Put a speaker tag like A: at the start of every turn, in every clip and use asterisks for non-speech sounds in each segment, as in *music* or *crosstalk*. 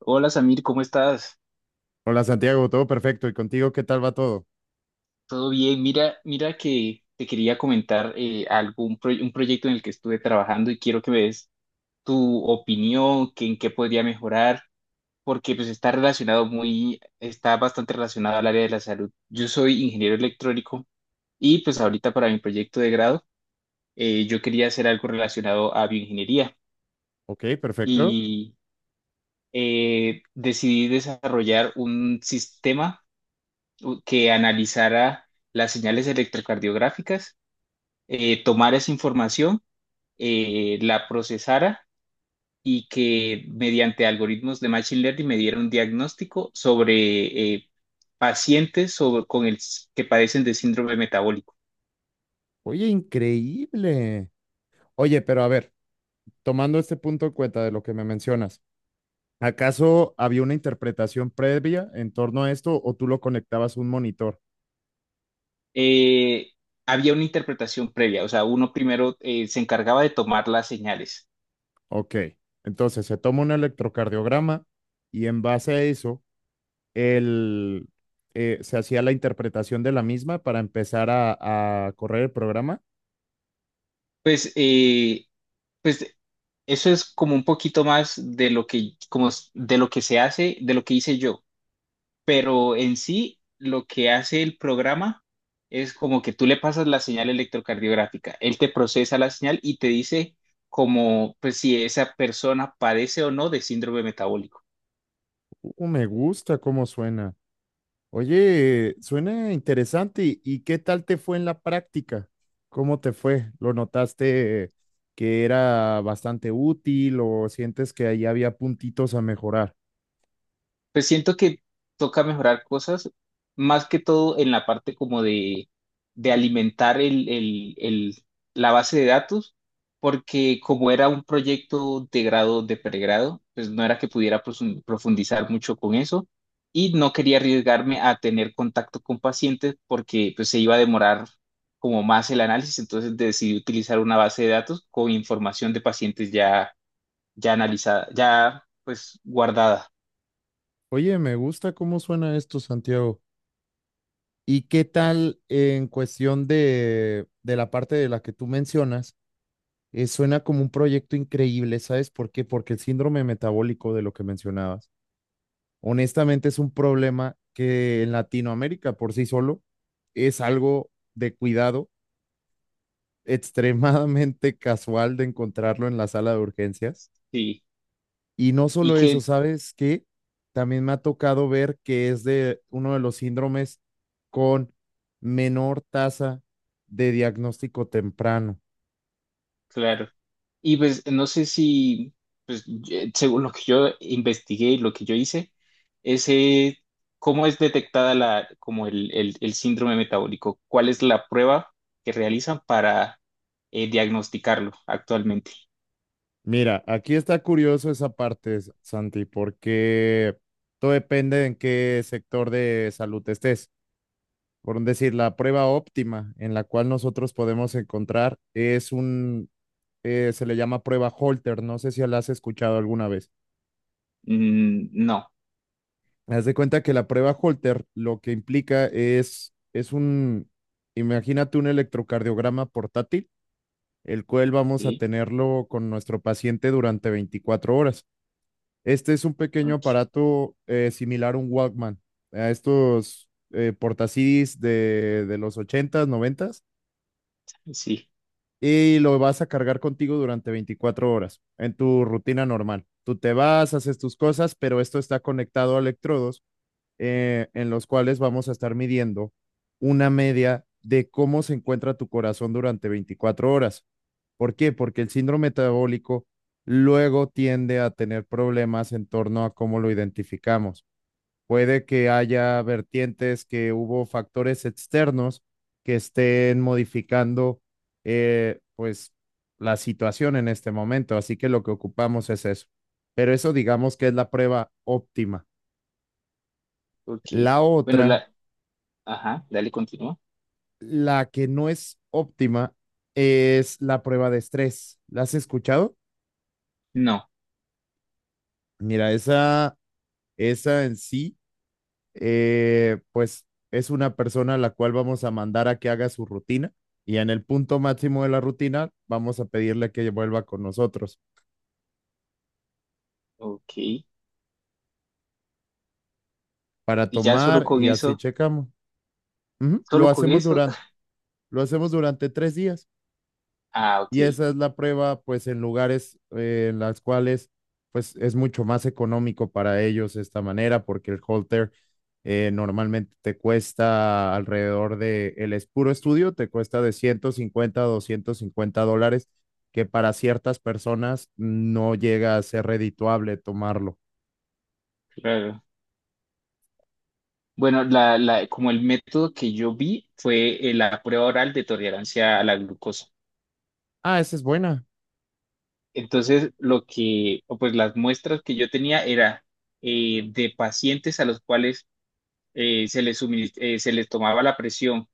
A: Hola Samir, ¿cómo estás?
B: Hola Santiago, todo perfecto. ¿Y contigo qué tal va todo?
A: ¿Todo bien? Mira, mira que te quería comentar un proyecto en el que estuve trabajando y quiero que me des tu opinión, que en qué podría mejorar, porque pues está relacionado está bastante relacionado al área de la salud. Yo soy ingeniero electrónico y pues ahorita para mi proyecto de grado yo quería hacer algo relacionado a bioingeniería
B: Ok, perfecto.
A: y decidí desarrollar un sistema que analizara las señales electrocardiográficas, tomara esa información, la procesara y que mediante algoritmos de Machine Learning me diera un diagnóstico sobre pacientes que padecen de síndrome metabólico.
B: Oye, increíble. Oye, pero a ver, tomando este punto en cuenta de lo que me mencionas, ¿acaso había una interpretación previa en torno a esto o tú lo conectabas a un monitor?
A: Eh, Había una interpretación previa, o sea, uno primero se encargaba de tomar las señales.
B: Ok, entonces se toma un electrocardiograma y en base a eso, el, se hacía la interpretación de la misma para empezar a correr el programa.
A: Pues, eh, pues, eso es como un poquito más de lo que, de lo que se hace, de lo que hice yo. Pero en sí lo que hace el programa es como que tú le pasas la señal electrocardiográfica, él te procesa la señal y te dice como pues si esa persona padece o no de síndrome metabólico.
B: Me gusta cómo suena. Oye, suena interesante. ¿Y qué tal te fue en la práctica? ¿Cómo te fue? ¿Lo notaste que era bastante útil o sientes que ahí había puntitos a mejorar?
A: Pues siento que toca mejorar cosas, más que todo en la parte como de, alimentar la base de datos, porque como era un proyecto de grado de pregrado, pues no era que pudiera profundizar mucho con eso y no quería arriesgarme a tener contacto con pacientes porque pues se iba a demorar como más el análisis, entonces decidí utilizar una base de datos con información de pacientes ya analizada, ya pues guardada.
B: Oye, me gusta cómo suena esto, Santiago. ¿Y qué tal en cuestión de la parte de la que tú mencionas? Suena como un proyecto increíble, ¿sabes por qué? Porque el síndrome metabólico de lo que mencionabas honestamente es un problema que en Latinoamérica por sí solo es algo de cuidado, *laughs* extremadamente casual de encontrarlo en la sala de urgencias.
A: Sí.
B: Y no
A: Y
B: solo eso,
A: que.
B: ¿sabes qué? También me ha tocado ver que es de uno de los síndromes con menor tasa de diagnóstico temprano.
A: Claro. Y pues no sé si, según lo que yo investigué y lo que yo hice, ese, ¿cómo es detectada como el síndrome metabólico? ¿Cuál es la prueba que realizan para diagnosticarlo actualmente?
B: Mira, aquí está curioso esa parte, Santi, porque todo depende de en qué sector de salud estés. Por decir, la prueba óptima en la cual nosotros podemos encontrar es un, se le llama prueba Holter, no sé si la has escuchado alguna vez.
A: Mm, no.
B: Haz de cuenta que la prueba Holter lo que implica es un, imagínate un electrocardiograma portátil, el cual vamos a
A: Sí,
B: tenerlo con nuestro paciente durante 24 horas. Este es un pequeño
A: ok.
B: aparato similar a un Walkman, a estos portacidis de los ochentas noventas,
A: Sí,
B: y lo vas a cargar contigo durante 24 horas en tu rutina normal. Tú te vas, haces tus cosas, pero esto está conectado a electrodos, en los cuales vamos a estar midiendo una media de cómo se encuentra tu corazón durante 24 horas. ¿Por qué? Porque el síndrome metabólico luego tiende a tener problemas en torno a cómo lo identificamos. Puede que haya vertientes que hubo factores externos que estén modificando pues la situación en este momento. Así que lo que ocupamos es eso. Pero eso digamos que es la prueba óptima.
A: ok.
B: La
A: Bueno,
B: otra,
A: ajá, dale, continúa.
B: la que no es óptima, es la prueba de estrés. ¿La has escuchado?
A: No,
B: Mira, esa en sí pues es una persona a la cual vamos a mandar a que haga su rutina, y en el punto máximo de la rutina vamos a pedirle que vuelva con nosotros
A: ok.
B: para
A: Y ya solo
B: tomar
A: con
B: y así
A: eso,
B: checamos. Ujú.
A: solo con eso.
B: Lo hacemos durante 3 días.
A: *laughs* Ah, ok,
B: Y esa es la prueba, pues, en lugares en las cuales, pues, es mucho más económico para ellos esta manera, porque el halter normalmente te cuesta alrededor el es puro estudio, te cuesta de $150 a $250, que para ciertas personas no llega a ser redituable tomarlo.
A: claro. Bueno, como el método que yo vi fue la prueba oral de tolerancia a la glucosa.
B: Ah, esa es buena.
A: Entonces, o pues las muestras que yo tenía era de pacientes a los cuales se les tomaba la presión,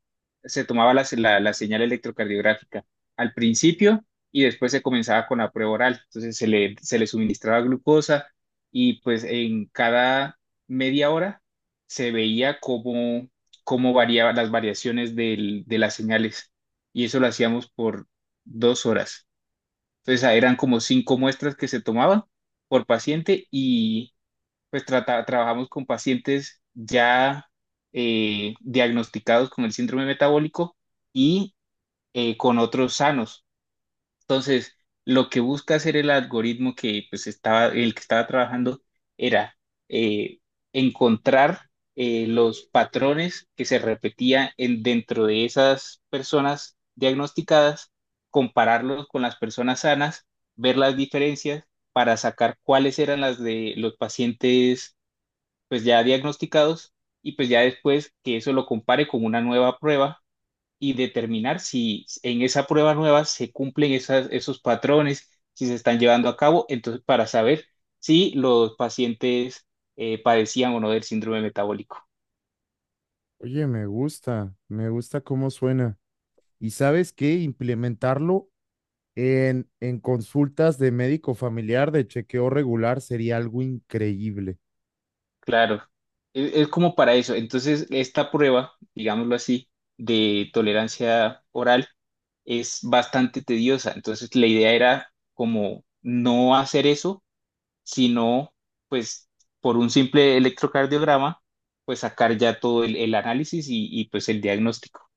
A: se tomaba la señal electrocardiográfica al principio y después se comenzaba con la prueba oral. Entonces se le suministraba glucosa y pues en cada media hora se veía cómo variaban las variaciones de las señales y eso lo hacíamos por 2 horas. Entonces eran como cinco muestras que se tomaban por paciente pues trabajamos con pacientes ya diagnosticados con el síndrome metabólico y con otros sanos. Entonces, lo que busca hacer el algoritmo que el que estaba trabajando era eh, encontrar los patrones que se repetían dentro de esas personas diagnosticadas, compararlos con las personas sanas, ver las diferencias para sacar cuáles eran las de los pacientes pues ya diagnosticados y pues ya después que eso lo compare con una nueva prueba y determinar si en esa prueba nueva se cumplen esos patrones, si se están llevando a cabo, entonces para saber si los pacientes padecían o no del síndrome metabólico.
B: Oye, me gusta cómo suena. ¿Y sabes qué? Implementarlo en consultas de médico familiar de chequeo regular sería algo increíble.
A: Claro, es como para eso. Entonces, esta prueba, digámoslo así, de tolerancia oral es bastante tediosa. Entonces, la idea era como no hacer eso sino pues por un simple electrocardiograma, pues sacar ya todo el análisis y, pues el diagnóstico.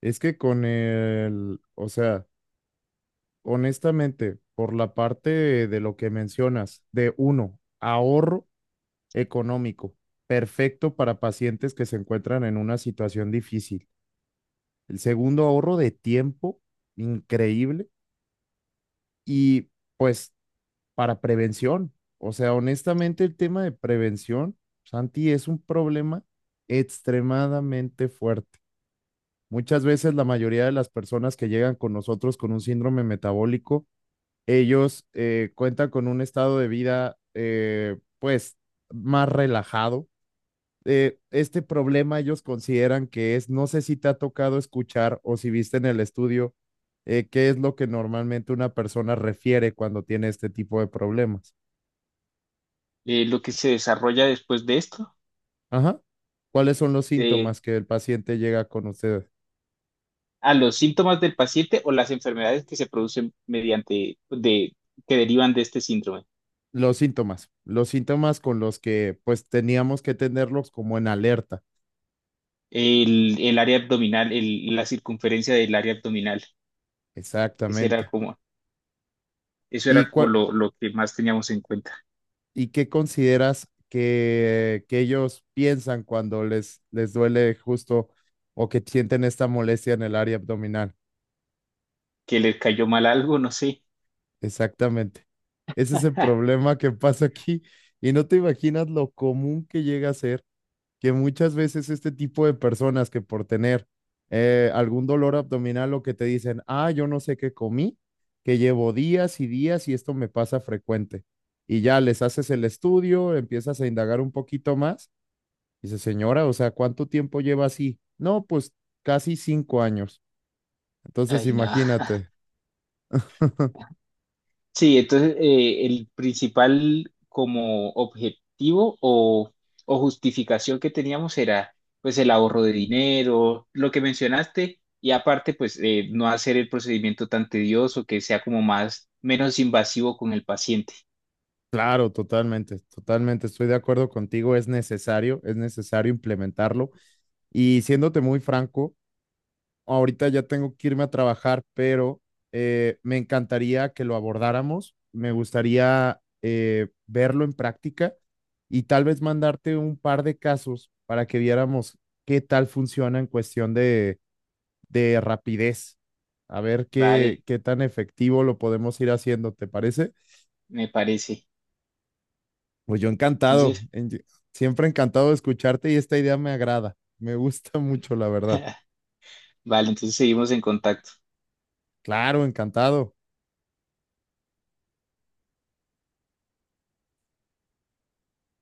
B: Es que con el, o sea, honestamente, por la parte de lo que mencionas, de uno, ahorro económico, perfecto para pacientes que se encuentran en una situación difícil. El segundo, ahorro de tiempo, increíble. Y pues para prevención. O sea, honestamente, el tema de prevención, Santi, es un problema extremadamente fuerte. Muchas veces la mayoría de las personas que llegan con nosotros con un síndrome metabólico, ellos cuentan con un estado de vida, pues, más relajado. Este problema ellos consideran que es, no sé si te ha tocado escuchar o si viste en el estudio, qué es lo que normalmente una persona refiere cuando tiene este tipo de problemas.
A: Lo que se desarrolla después de esto,
B: Ajá. ¿Cuáles son los
A: eh,
B: síntomas que el paciente llega con ustedes?
A: a los síntomas del paciente o las enfermedades que se producen mediante, que derivan de este síndrome.
B: Los síntomas con los que pues teníamos que tenerlos como en alerta.
A: El área abdominal, la circunferencia del área abdominal, ese era
B: Exactamente.
A: como, eso
B: ¿Y
A: era como
B: cuál,
A: lo que más teníamos en cuenta.
B: y qué consideras que ellos piensan cuando les duele justo o que sienten esta molestia en el área abdominal?
A: Que le cayó mal algo, no sé.
B: Exactamente. Ese es el
A: *laughs*
B: problema que pasa aquí, y no te imaginas lo común que llega a ser, que muchas veces este tipo de personas que por tener algún dolor abdominal lo que te dicen, ah, yo no sé qué comí, que llevo días y días y esto me pasa frecuente. Y ya les haces el estudio, empiezas a indagar un poquito más. Dice, señora, o sea, ¿cuánto tiempo lleva así? No, pues casi 5 años. Entonces,
A: Ay, no.
B: imagínate.
A: Sí, entonces el principal como objetivo o justificación que teníamos era pues el ahorro de dinero, lo que mencionaste, y aparte pues no hacer el procedimiento tan tedioso, que sea como menos invasivo con el paciente.
B: Claro, totalmente, totalmente. Estoy de acuerdo contigo. Es necesario implementarlo. Y siéndote muy franco, ahorita ya tengo que irme a trabajar, pero me encantaría que lo abordáramos. Me gustaría verlo en práctica y tal vez mandarte un par de casos para que viéramos qué tal funciona en cuestión de rapidez. A ver
A: Vale,
B: qué, qué tan efectivo lo podemos ir haciendo, ¿te parece?
A: me parece.
B: Pues yo encantado,
A: Entonces,
B: siempre encantado de escucharte y esta idea me agrada, me gusta mucho, la verdad.
A: *laughs* vale, entonces seguimos en contacto.
B: Claro, encantado.